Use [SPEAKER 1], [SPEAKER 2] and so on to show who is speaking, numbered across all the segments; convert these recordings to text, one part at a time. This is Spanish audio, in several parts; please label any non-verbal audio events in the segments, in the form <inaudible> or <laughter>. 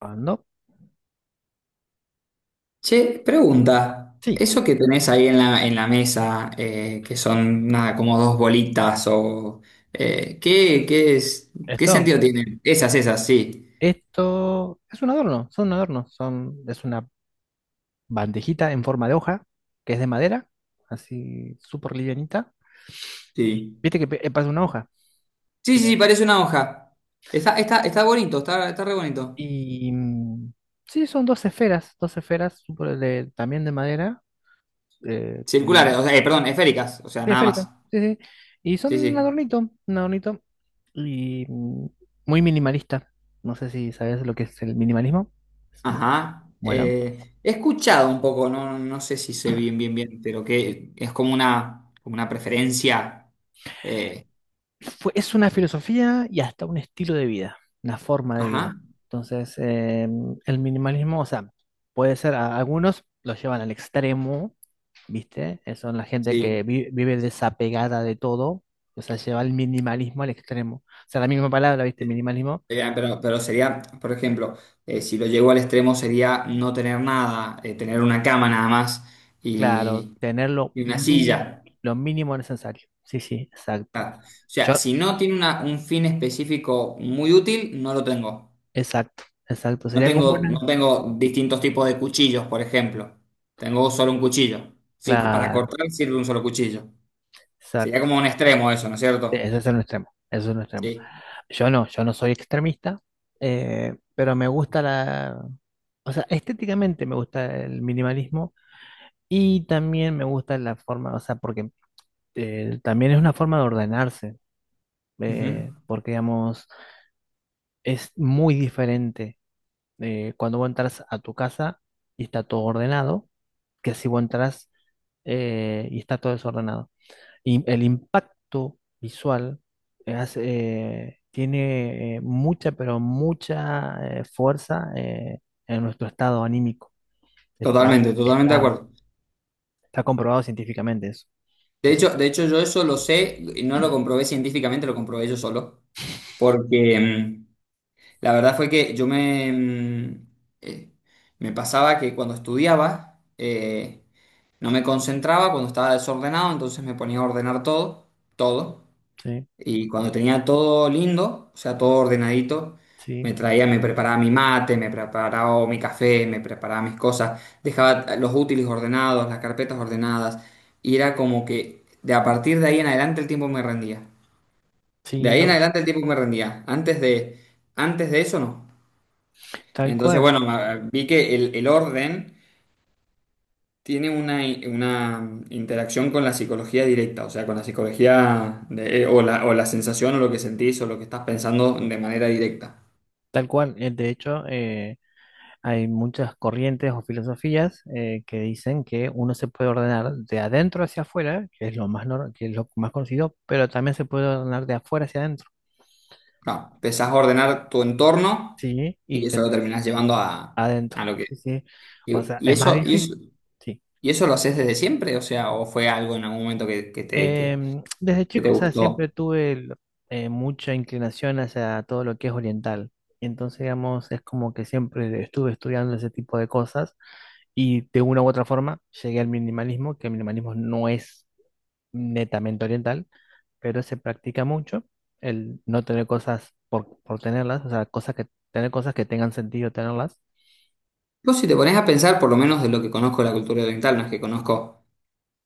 [SPEAKER 1] Ah, ¿no?
[SPEAKER 2] Che, pregunta,
[SPEAKER 1] Sí,
[SPEAKER 2] eso que tenés ahí en la mesa, que son nada, como dos bolitas, o ¿qué es, qué
[SPEAKER 1] esto,
[SPEAKER 2] sentido tienen? Esas, sí.
[SPEAKER 1] esto es un adorno, son, es una bandejita en forma de hoja, que es de madera, así súper livianita.
[SPEAKER 2] Sí.
[SPEAKER 1] Viste que pasa una hoja.
[SPEAKER 2] Sí,
[SPEAKER 1] Sí,
[SPEAKER 2] sí, sí, parece una hoja. Está bonito, está re bonito.
[SPEAKER 1] y sí, son dos esferas súper también de madera, eh, tiene
[SPEAKER 2] Circulares, o
[SPEAKER 1] un-
[SPEAKER 2] sea, perdón, esféricas, o sea,
[SPEAKER 1] sí,
[SPEAKER 2] nada
[SPEAKER 1] esférica,
[SPEAKER 2] más.
[SPEAKER 1] sí, sí. Y son
[SPEAKER 2] Sí, sí.
[SPEAKER 1] un adornito, y muy minimalista. No sé si sabes lo que es el minimalismo. Es una-
[SPEAKER 2] Ajá.
[SPEAKER 1] Bueno.
[SPEAKER 2] He escuchado un poco, no sé si sé bien, bien, bien, pero que es como una preferencia. eh,
[SPEAKER 1] fue- es una filosofía y hasta un estilo de vida, una forma de vida.
[SPEAKER 2] ajá.
[SPEAKER 1] Entonces, el minimalismo, o sea, puede ser, algunos lo llevan al extremo, ¿viste? Son la gente
[SPEAKER 2] Sí.
[SPEAKER 1] que vive desapegada de todo, o sea, lleva el minimalismo al extremo. O sea, la misma palabra, ¿viste? Minimalismo,
[SPEAKER 2] Pero sería, por ejemplo, si lo llevo al extremo sería no tener nada, tener una cama nada más
[SPEAKER 1] claro,
[SPEAKER 2] y,
[SPEAKER 1] tener
[SPEAKER 2] y una silla.
[SPEAKER 1] lo mínimo necesario. Sí, sí, exacto.
[SPEAKER 2] Ah, o sea,
[SPEAKER 1] Yo,
[SPEAKER 2] si no tiene un fin específico muy útil, no lo tengo.
[SPEAKER 1] exacto, exacto.
[SPEAKER 2] No
[SPEAKER 1] Sería como
[SPEAKER 2] tengo, no
[SPEAKER 1] una,
[SPEAKER 2] tengo distintos tipos de cuchillos, por ejemplo. Tengo solo un cuchillo. Sí, para
[SPEAKER 1] claro,
[SPEAKER 2] cortar sirve un solo cuchillo. Sería
[SPEAKER 1] exacto.
[SPEAKER 2] como un extremo eso, ¿no es
[SPEAKER 1] E,
[SPEAKER 2] cierto?
[SPEAKER 1] ese es un extremo, ese es un extremo.
[SPEAKER 2] Sí.
[SPEAKER 1] Yo no, yo no soy extremista, pero me gusta la... O sea, estéticamente me gusta el minimalismo y también me gusta la forma, o sea, porque también es una forma de ordenarse,
[SPEAKER 2] Ujú.
[SPEAKER 1] porque digamos, es muy diferente cuando vos entras a tu casa y está todo ordenado, que si vos entras y está todo desordenado. Y el impacto visual eh, tiene mucha, pero mucha fuerza en nuestro estado anímico. Está,
[SPEAKER 2] Totalmente, totalmente de
[SPEAKER 1] está,
[SPEAKER 2] acuerdo.
[SPEAKER 1] está comprobado científicamente eso. O sea,
[SPEAKER 2] De hecho, yo eso lo sé, y no lo comprobé científicamente, lo comprobé yo solo, porque la verdad fue que eh, me pasaba que cuando estudiaba no me concentraba, cuando estaba desordenado, entonces me ponía a ordenar todo, todo.
[SPEAKER 1] sí,
[SPEAKER 2] Y cuando tenía todo lindo, o sea, todo ordenadito,
[SPEAKER 1] sí,
[SPEAKER 2] me preparaba mi mate, me preparaba mi café, me preparaba mis cosas, dejaba los útiles ordenados, las carpetas ordenadas, y era como que de a partir de ahí en adelante el tiempo me rendía. De
[SPEAKER 1] sí,
[SPEAKER 2] ahí en
[SPEAKER 1] no.
[SPEAKER 2] adelante el tiempo me rendía. Antes de eso no.
[SPEAKER 1] Tal
[SPEAKER 2] Entonces,
[SPEAKER 1] cual,
[SPEAKER 2] bueno, vi que el orden tiene una interacción con la psicología directa, o sea, con la psicología o la sensación o lo que sentís o lo que estás pensando de manera directa.
[SPEAKER 1] tal cual. De hecho, hay muchas corrientes o filosofías que dicen que uno se puede ordenar de adentro hacia afuera, que es lo más, que es lo más conocido, pero también se puede ordenar de afuera hacia adentro.
[SPEAKER 2] No, empezás a ordenar tu entorno
[SPEAKER 1] Sí, y
[SPEAKER 2] y eso lo terminás llevando
[SPEAKER 1] adentro,
[SPEAKER 2] a lo que...
[SPEAKER 1] sí, sí. O sea,
[SPEAKER 2] Y, y
[SPEAKER 1] es más
[SPEAKER 2] eso, y eso,
[SPEAKER 1] difícil, sí.
[SPEAKER 2] y eso lo haces desde siempre, o sea, o fue algo en algún momento que, que te, que,
[SPEAKER 1] Desde
[SPEAKER 2] que te
[SPEAKER 1] chico, o sea,
[SPEAKER 2] gustó.
[SPEAKER 1] mucha inclinación hacia todo lo que es oriental. Y entonces, digamos, es como que siempre estuve estudiando ese tipo de cosas y de una u otra forma llegué al minimalismo, que el minimalismo no es netamente oriental, pero se practica mucho el no tener cosas por tenerlas, o sea, cosas que, tener cosas que tengan sentido tenerlas,
[SPEAKER 2] Vos si te pones a pensar, por lo menos de lo que conozco de la cultura oriental, no es que conozco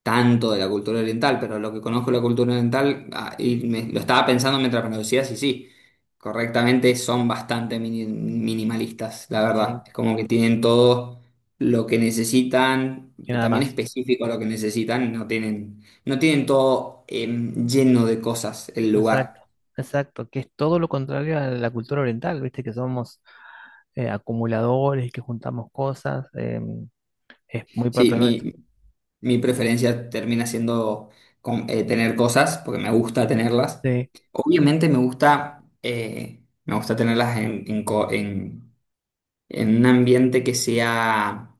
[SPEAKER 2] tanto de la cultura oriental, pero lo que conozco de la cultura oriental, ah, y lo estaba pensando mientras me lo decías, y sí, correctamente son bastante minimalistas, la verdad.
[SPEAKER 1] ¿sí?
[SPEAKER 2] Es como que tienen todo lo que necesitan,
[SPEAKER 1] Y nada
[SPEAKER 2] también
[SPEAKER 1] más.
[SPEAKER 2] específico a lo que necesitan, y no tienen todo lleno de cosas el
[SPEAKER 1] Exacto,
[SPEAKER 2] lugar.
[SPEAKER 1] exacto, que es todo lo contrario a la cultura oriental, viste que somos acumuladores, y que juntamos cosas, es muy propio nuestro.
[SPEAKER 2] Sí, mi preferencia termina siendo tener cosas, porque me gusta tenerlas.
[SPEAKER 1] Sí,
[SPEAKER 2] Obviamente me gusta tenerlas en un ambiente que sea,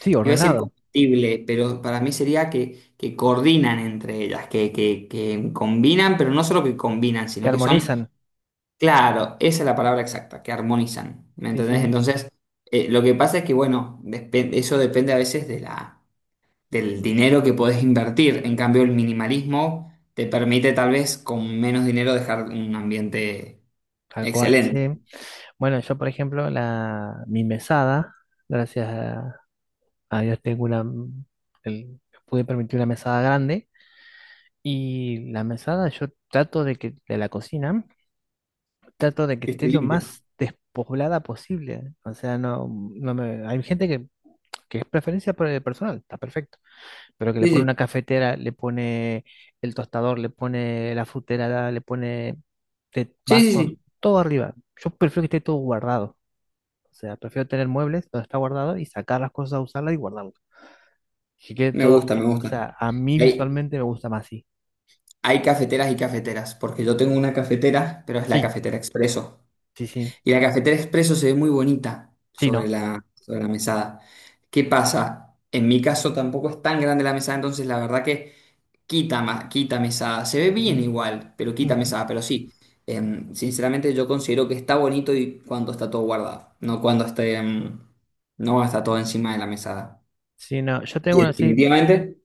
[SPEAKER 1] sí,
[SPEAKER 2] iba a decir
[SPEAKER 1] ordenado,
[SPEAKER 2] compatible, pero para mí sería que coordinan entre ellas, que combinan, pero no solo que combinan,
[SPEAKER 1] que
[SPEAKER 2] sino que son,
[SPEAKER 1] armonizan,
[SPEAKER 2] claro, esa es la palabra exacta, que armonizan, ¿me
[SPEAKER 1] sí,
[SPEAKER 2] entendés?
[SPEAKER 1] sí,
[SPEAKER 2] Entonces, lo que pasa es que, bueno, eso depende a veces de la del dinero que podés invertir. En cambio, el minimalismo te permite tal vez con menos dinero dejar un ambiente
[SPEAKER 1] tal cual,
[SPEAKER 2] excelente,
[SPEAKER 1] sí. Bueno, yo por ejemplo, la, mi mesada, gracias a Dios tengo una, el- pude permitir una mesada grande y la mesada yo trato de que de la cocina. Trato de que
[SPEAKER 2] que
[SPEAKER 1] esté
[SPEAKER 2] esté
[SPEAKER 1] lo
[SPEAKER 2] limpio.
[SPEAKER 1] más despoblada posible. O sea, no, no me, hay gente que es preferencia por el personal, está perfecto, pero que le
[SPEAKER 2] Sí,
[SPEAKER 1] pone
[SPEAKER 2] sí,
[SPEAKER 1] una cafetera, le pone el tostador, le pone la frutera, le pone de
[SPEAKER 2] sí, sí,
[SPEAKER 1] vasos,
[SPEAKER 2] sí.
[SPEAKER 1] todo arriba. Yo prefiero que esté todo guardado. O sea, prefiero tener muebles donde está guardado y sacar las cosas a usarlas y guardarlas. Que quede
[SPEAKER 2] Me
[SPEAKER 1] todo
[SPEAKER 2] gusta,
[SPEAKER 1] así.
[SPEAKER 2] me
[SPEAKER 1] O
[SPEAKER 2] gusta.
[SPEAKER 1] sea, a mí
[SPEAKER 2] Hay,
[SPEAKER 1] visualmente me gusta más así.
[SPEAKER 2] hay cafeteras y cafeteras, porque yo tengo una cafetera, pero es la
[SPEAKER 1] Sí,
[SPEAKER 2] cafetera expreso.
[SPEAKER 1] sí, sí.
[SPEAKER 2] Y la cafetera expreso se ve muy bonita
[SPEAKER 1] Sí,
[SPEAKER 2] sobre
[SPEAKER 1] no.
[SPEAKER 2] la mesada. ¿Qué pasa? En mi caso tampoco es tan grande la mesada, entonces la verdad que... Quita, quita mesada. Se ve
[SPEAKER 1] Ujú,
[SPEAKER 2] bien igual, pero quita
[SPEAKER 1] ujú.
[SPEAKER 2] mesada. Pero sí, sinceramente yo considero que está bonito y cuando está todo guardado, no cuando no está todo encima de la mesada.
[SPEAKER 1] Sí, no. Yo tengo
[SPEAKER 2] Y
[SPEAKER 1] así,
[SPEAKER 2] definitivamente,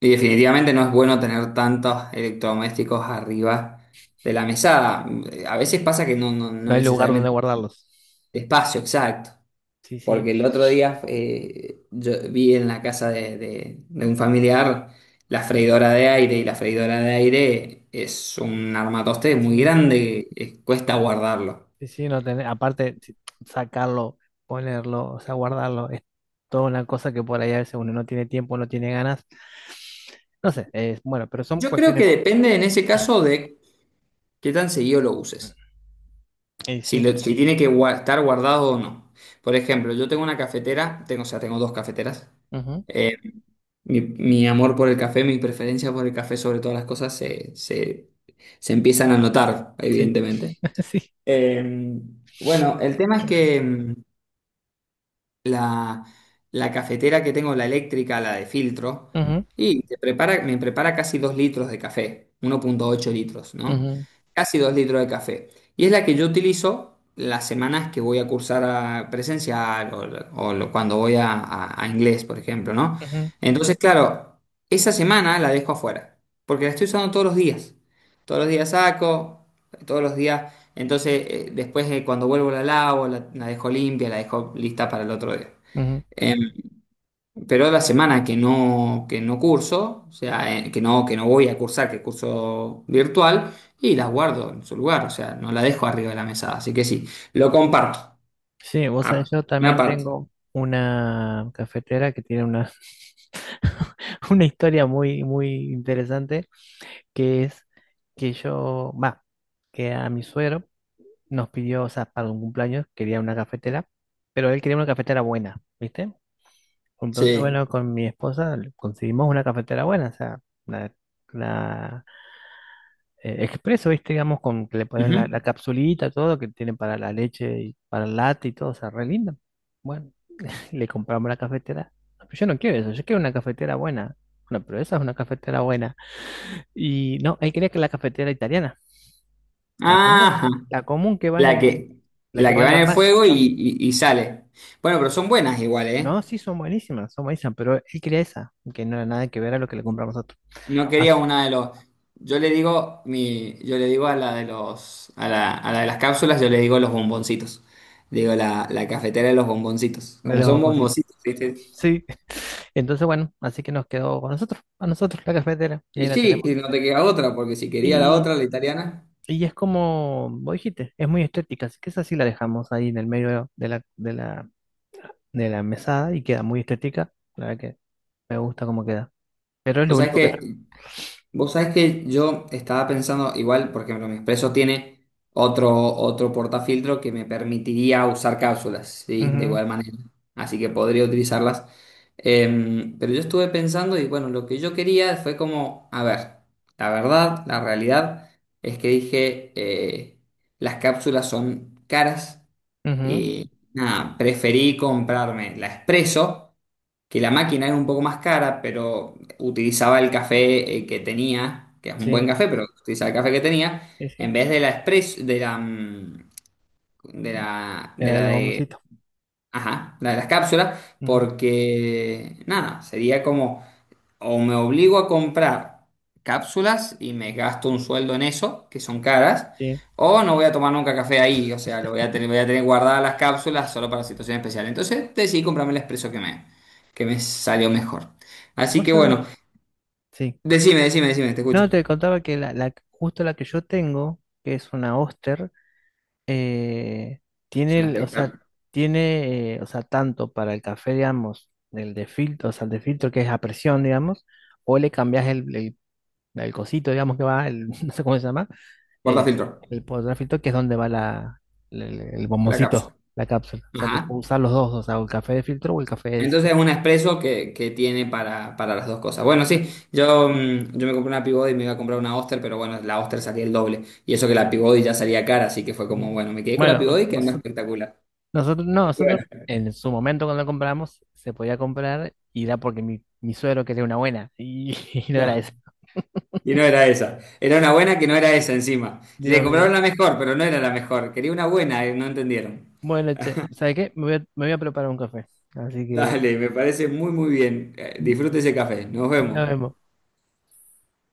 [SPEAKER 2] y definitivamente no es bueno tener tantos electrodomésticos arriba de la mesada. A veces pasa que no
[SPEAKER 1] no hay lugar donde
[SPEAKER 2] necesariamente
[SPEAKER 1] guardarlos.
[SPEAKER 2] espacio exacto.
[SPEAKER 1] Sí, sí,
[SPEAKER 2] Porque el otro día yo vi en la casa de un familiar la freidora de aire y la freidora de aire es un armatoste muy
[SPEAKER 1] sí,
[SPEAKER 2] grande, cuesta guardarlo.
[SPEAKER 1] sí, sí, no tener, aparte sacarlo, ponerlo, o sea, guardarlo, es toda una cosa que por ahí a veces uno no tiene tiempo, no tiene ganas, no sé, es bueno, pero son
[SPEAKER 2] Yo creo
[SPEAKER 1] cuestiones,
[SPEAKER 2] que depende en ese caso de qué tan seguido lo uses,
[SPEAKER 1] y sí,
[SPEAKER 2] si tiene que estar guardado o no. Por ejemplo, yo tengo una cafetera, tengo, o sea, tengo dos cafeteras.
[SPEAKER 1] ujú,
[SPEAKER 2] Eh, mi amor por el café, mi preferencia por el café sobre todas las cosas se empiezan a notar,
[SPEAKER 1] sí,
[SPEAKER 2] evidentemente.
[SPEAKER 1] <laughs> sí,
[SPEAKER 2] Eh, bueno, el tema es que la, la cafetera que tengo, la eléctrica, la de filtro,
[SPEAKER 1] ujú,
[SPEAKER 2] y me prepara casi 2 litros de café, 1,8 litros, ¿no?
[SPEAKER 1] ujú,
[SPEAKER 2] Casi 2 litros de café. Y es la que yo utilizo las semanas que voy a cursar a presencial cuando voy a inglés, por ejemplo, ¿no?
[SPEAKER 1] ujú,
[SPEAKER 2] Entonces, claro, esa semana la dejo afuera, porque la estoy usando todos los días. Todos los días saco, todos los días entonces, después cuando vuelvo la lavo, la dejo limpia, la dejo lista para el otro día.
[SPEAKER 1] ujú.
[SPEAKER 2] Eh, pero la semana que no curso, o sea, que no voy a cursar, que curso virtual, y las guardo en su lugar, o sea, no la dejo arriba de la mesa. Así que sí, lo comparto.
[SPEAKER 1] Sí, vos sabés,
[SPEAKER 2] Ah,
[SPEAKER 1] yo
[SPEAKER 2] una
[SPEAKER 1] también
[SPEAKER 2] parte.
[SPEAKER 1] tengo una cafetera que tiene una, <laughs> una historia muy, muy interesante, que es que yo, va, que a mi suegro nos pidió, o sea, para un cumpleaños quería una cafetera, pero él quería una cafetera buena, ¿viste? Entonces,
[SPEAKER 2] Sí.
[SPEAKER 1] bueno, con mi esposa le conseguimos una cafetera buena, o sea, la, la, expreso, ¿viste? Digamos, con que le ponen la,
[SPEAKER 2] Ujú.
[SPEAKER 1] la capsulita, todo, que tiene para la leche y para el latte y todo, o sea, re linda. Bueno, le compramos la cafetera. No, pero yo no quiero eso, yo quiero una cafetera buena. Bueno, pero esa es una cafetera buena. Y no, él quería que la cafetera italiana, la común,
[SPEAKER 2] Ajá.
[SPEAKER 1] la común que va en
[SPEAKER 2] La
[SPEAKER 1] el,
[SPEAKER 2] que,
[SPEAKER 1] la que
[SPEAKER 2] la que
[SPEAKER 1] va en
[SPEAKER 2] va
[SPEAKER 1] la
[SPEAKER 2] en el
[SPEAKER 1] hornalla.
[SPEAKER 2] fuego y sale. Bueno, pero son buenas igual,
[SPEAKER 1] No,
[SPEAKER 2] ¿eh?
[SPEAKER 1] sí, son buenísimas, pero él quería esa, que no era nada que ver a lo que le compramos nosotros.
[SPEAKER 2] No quería
[SPEAKER 1] As-
[SPEAKER 2] una de los. Yo le digo a la de los, a la de las cápsulas, yo le digo los bomboncitos. Digo la cafetera de los bomboncitos.
[SPEAKER 1] de
[SPEAKER 2] Como
[SPEAKER 1] los
[SPEAKER 2] son
[SPEAKER 1] bomboncitos.
[SPEAKER 2] bomboncitos, ¿viste?
[SPEAKER 1] Sí. <laughs> Entonces, bueno, así que nos quedó con nosotros, a nosotros, la cafetera, y
[SPEAKER 2] Y
[SPEAKER 1] ahí la
[SPEAKER 2] sí,
[SPEAKER 1] tenemos.
[SPEAKER 2] que no te queda otra, porque si quería la
[SPEAKER 1] Y,
[SPEAKER 2] otra, la italiana.
[SPEAKER 1] y es como vos dijiste, es muy estética, así que esa sí la dejamos ahí en el medio de la, de la, de la mesada y queda muy estética. La verdad que me gusta cómo queda. Pero es
[SPEAKER 2] O
[SPEAKER 1] lo
[SPEAKER 2] sea, es
[SPEAKER 1] único que está.
[SPEAKER 2] que vos sabés que yo estaba pensando, igual, por ejemplo, mi expreso tiene otro portafiltro que me permitiría usar cápsulas, ¿sí? De
[SPEAKER 1] Ujú,
[SPEAKER 2] igual manera. Así que podría utilizarlas. Pero yo estuve pensando y bueno, lo que yo quería fue como, a ver, la verdad, la realidad es que dije, las cápsulas son caras.
[SPEAKER 1] ujú,
[SPEAKER 2] Y nada, preferí comprarme la Espresso, que la máquina era un poco más cara, pero utilizaba el café que tenía, que es un
[SPEAKER 1] sí,
[SPEAKER 2] buen café, pero utilizaba el café que tenía,
[SPEAKER 1] sí, sí.
[SPEAKER 2] en vez de la Espresso, de la, mm, de la, de
[SPEAKER 1] Era de
[SPEAKER 2] la
[SPEAKER 1] los
[SPEAKER 2] de,
[SPEAKER 1] bomboncitos.
[SPEAKER 2] ajá, la de las cápsulas,
[SPEAKER 1] Ujú,
[SPEAKER 2] porque nada, sería como o me obligo a comprar cápsulas y me gasto un sueldo en eso, que son caras,
[SPEAKER 1] sí.
[SPEAKER 2] o no voy a tomar nunca café ahí, o sea, lo voy a tener guardadas las cápsulas solo para situaciones especiales. Entonces decidí comprarme el expreso que me salió mejor. Así
[SPEAKER 1] ¿Vos
[SPEAKER 2] que
[SPEAKER 1] sabés?
[SPEAKER 2] bueno,
[SPEAKER 1] Sí.
[SPEAKER 2] decime, decime, decime, te escucho.
[SPEAKER 1] No, te contaba que la, justo la que yo tengo, que es una Oster, eh,
[SPEAKER 2] Es
[SPEAKER 1] tiene,
[SPEAKER 2] un
[SPEAKER 1] o sea,
[SPEAKER 2] espectáculo.
[SPEAKER 1] tiene, o sea, tanto para el café, digamos, el de filtro, o sea, el de filtro que es a presión, digamos, o le cambias el cosito, digamos, que va, el, <laughs> no sé cómo se llama, eh,
[SPEAKER 2] Portafiltro,
[SPEAKER 1] el poder filtro, que es donde va la, el,
[SPEAKER 2] la cápsula.
[SPEAKER 1] bomboncito, la cápsula. O sea, que
[SPEAKER 2] Ajá.
[SPEAKER 1] puedo usar los dos, o sea, o el café de filtro o el café de
[SPEAKER 2] Entonces
[SPEAKER 1] ese.
[SPEAKER 2] es un expreso que tiene para las dos cosas. Bueno, sí,
[SPEAKER 1] Ujú.
[SPEAKER 2] yo me compré una Peabody y me iba a comprar una Oster, pero bueno, la Oster salía el doble. Y eso que la Peabody ya salía cara, así que fue como, bueno, me quedé con la
[SPEAKER 1] Bueno,
[SPEAKER 2] Peabody que es más espectacular.
[SPEAKER 1] nosotros, no,
[SPEAKER 2] Y
[SPEAKER 1] nosotros
[SPEAKER 2] bueno,
[SPEAKER 1] en su momento cuando lo compramos, se podía comprar y era porque mi suegro quería una buena y, <laughs> y no era
[SPEAKER 2] ya.
[SPEAKER 1] eso.
[SPEAKER 2] Y no era esa. Era una buena que no era esa encima. Le
[SPEAKER 1] Dios
[SPEAKER 2] compraron
[SPEAKER 1] mío.
[SPEAKER 2] la mejor, pero no era la mejor. Quería una buena, no entendieron.
[SPEAKER 1] Bueno, che, ¿sabes qué? Me voy a preparar un café. Así que
[SPEAKER 2] Dale, me parece muy, muy bien. Disfrute ese café. Nos vemos.
[SPEAKER 1] nos vemos.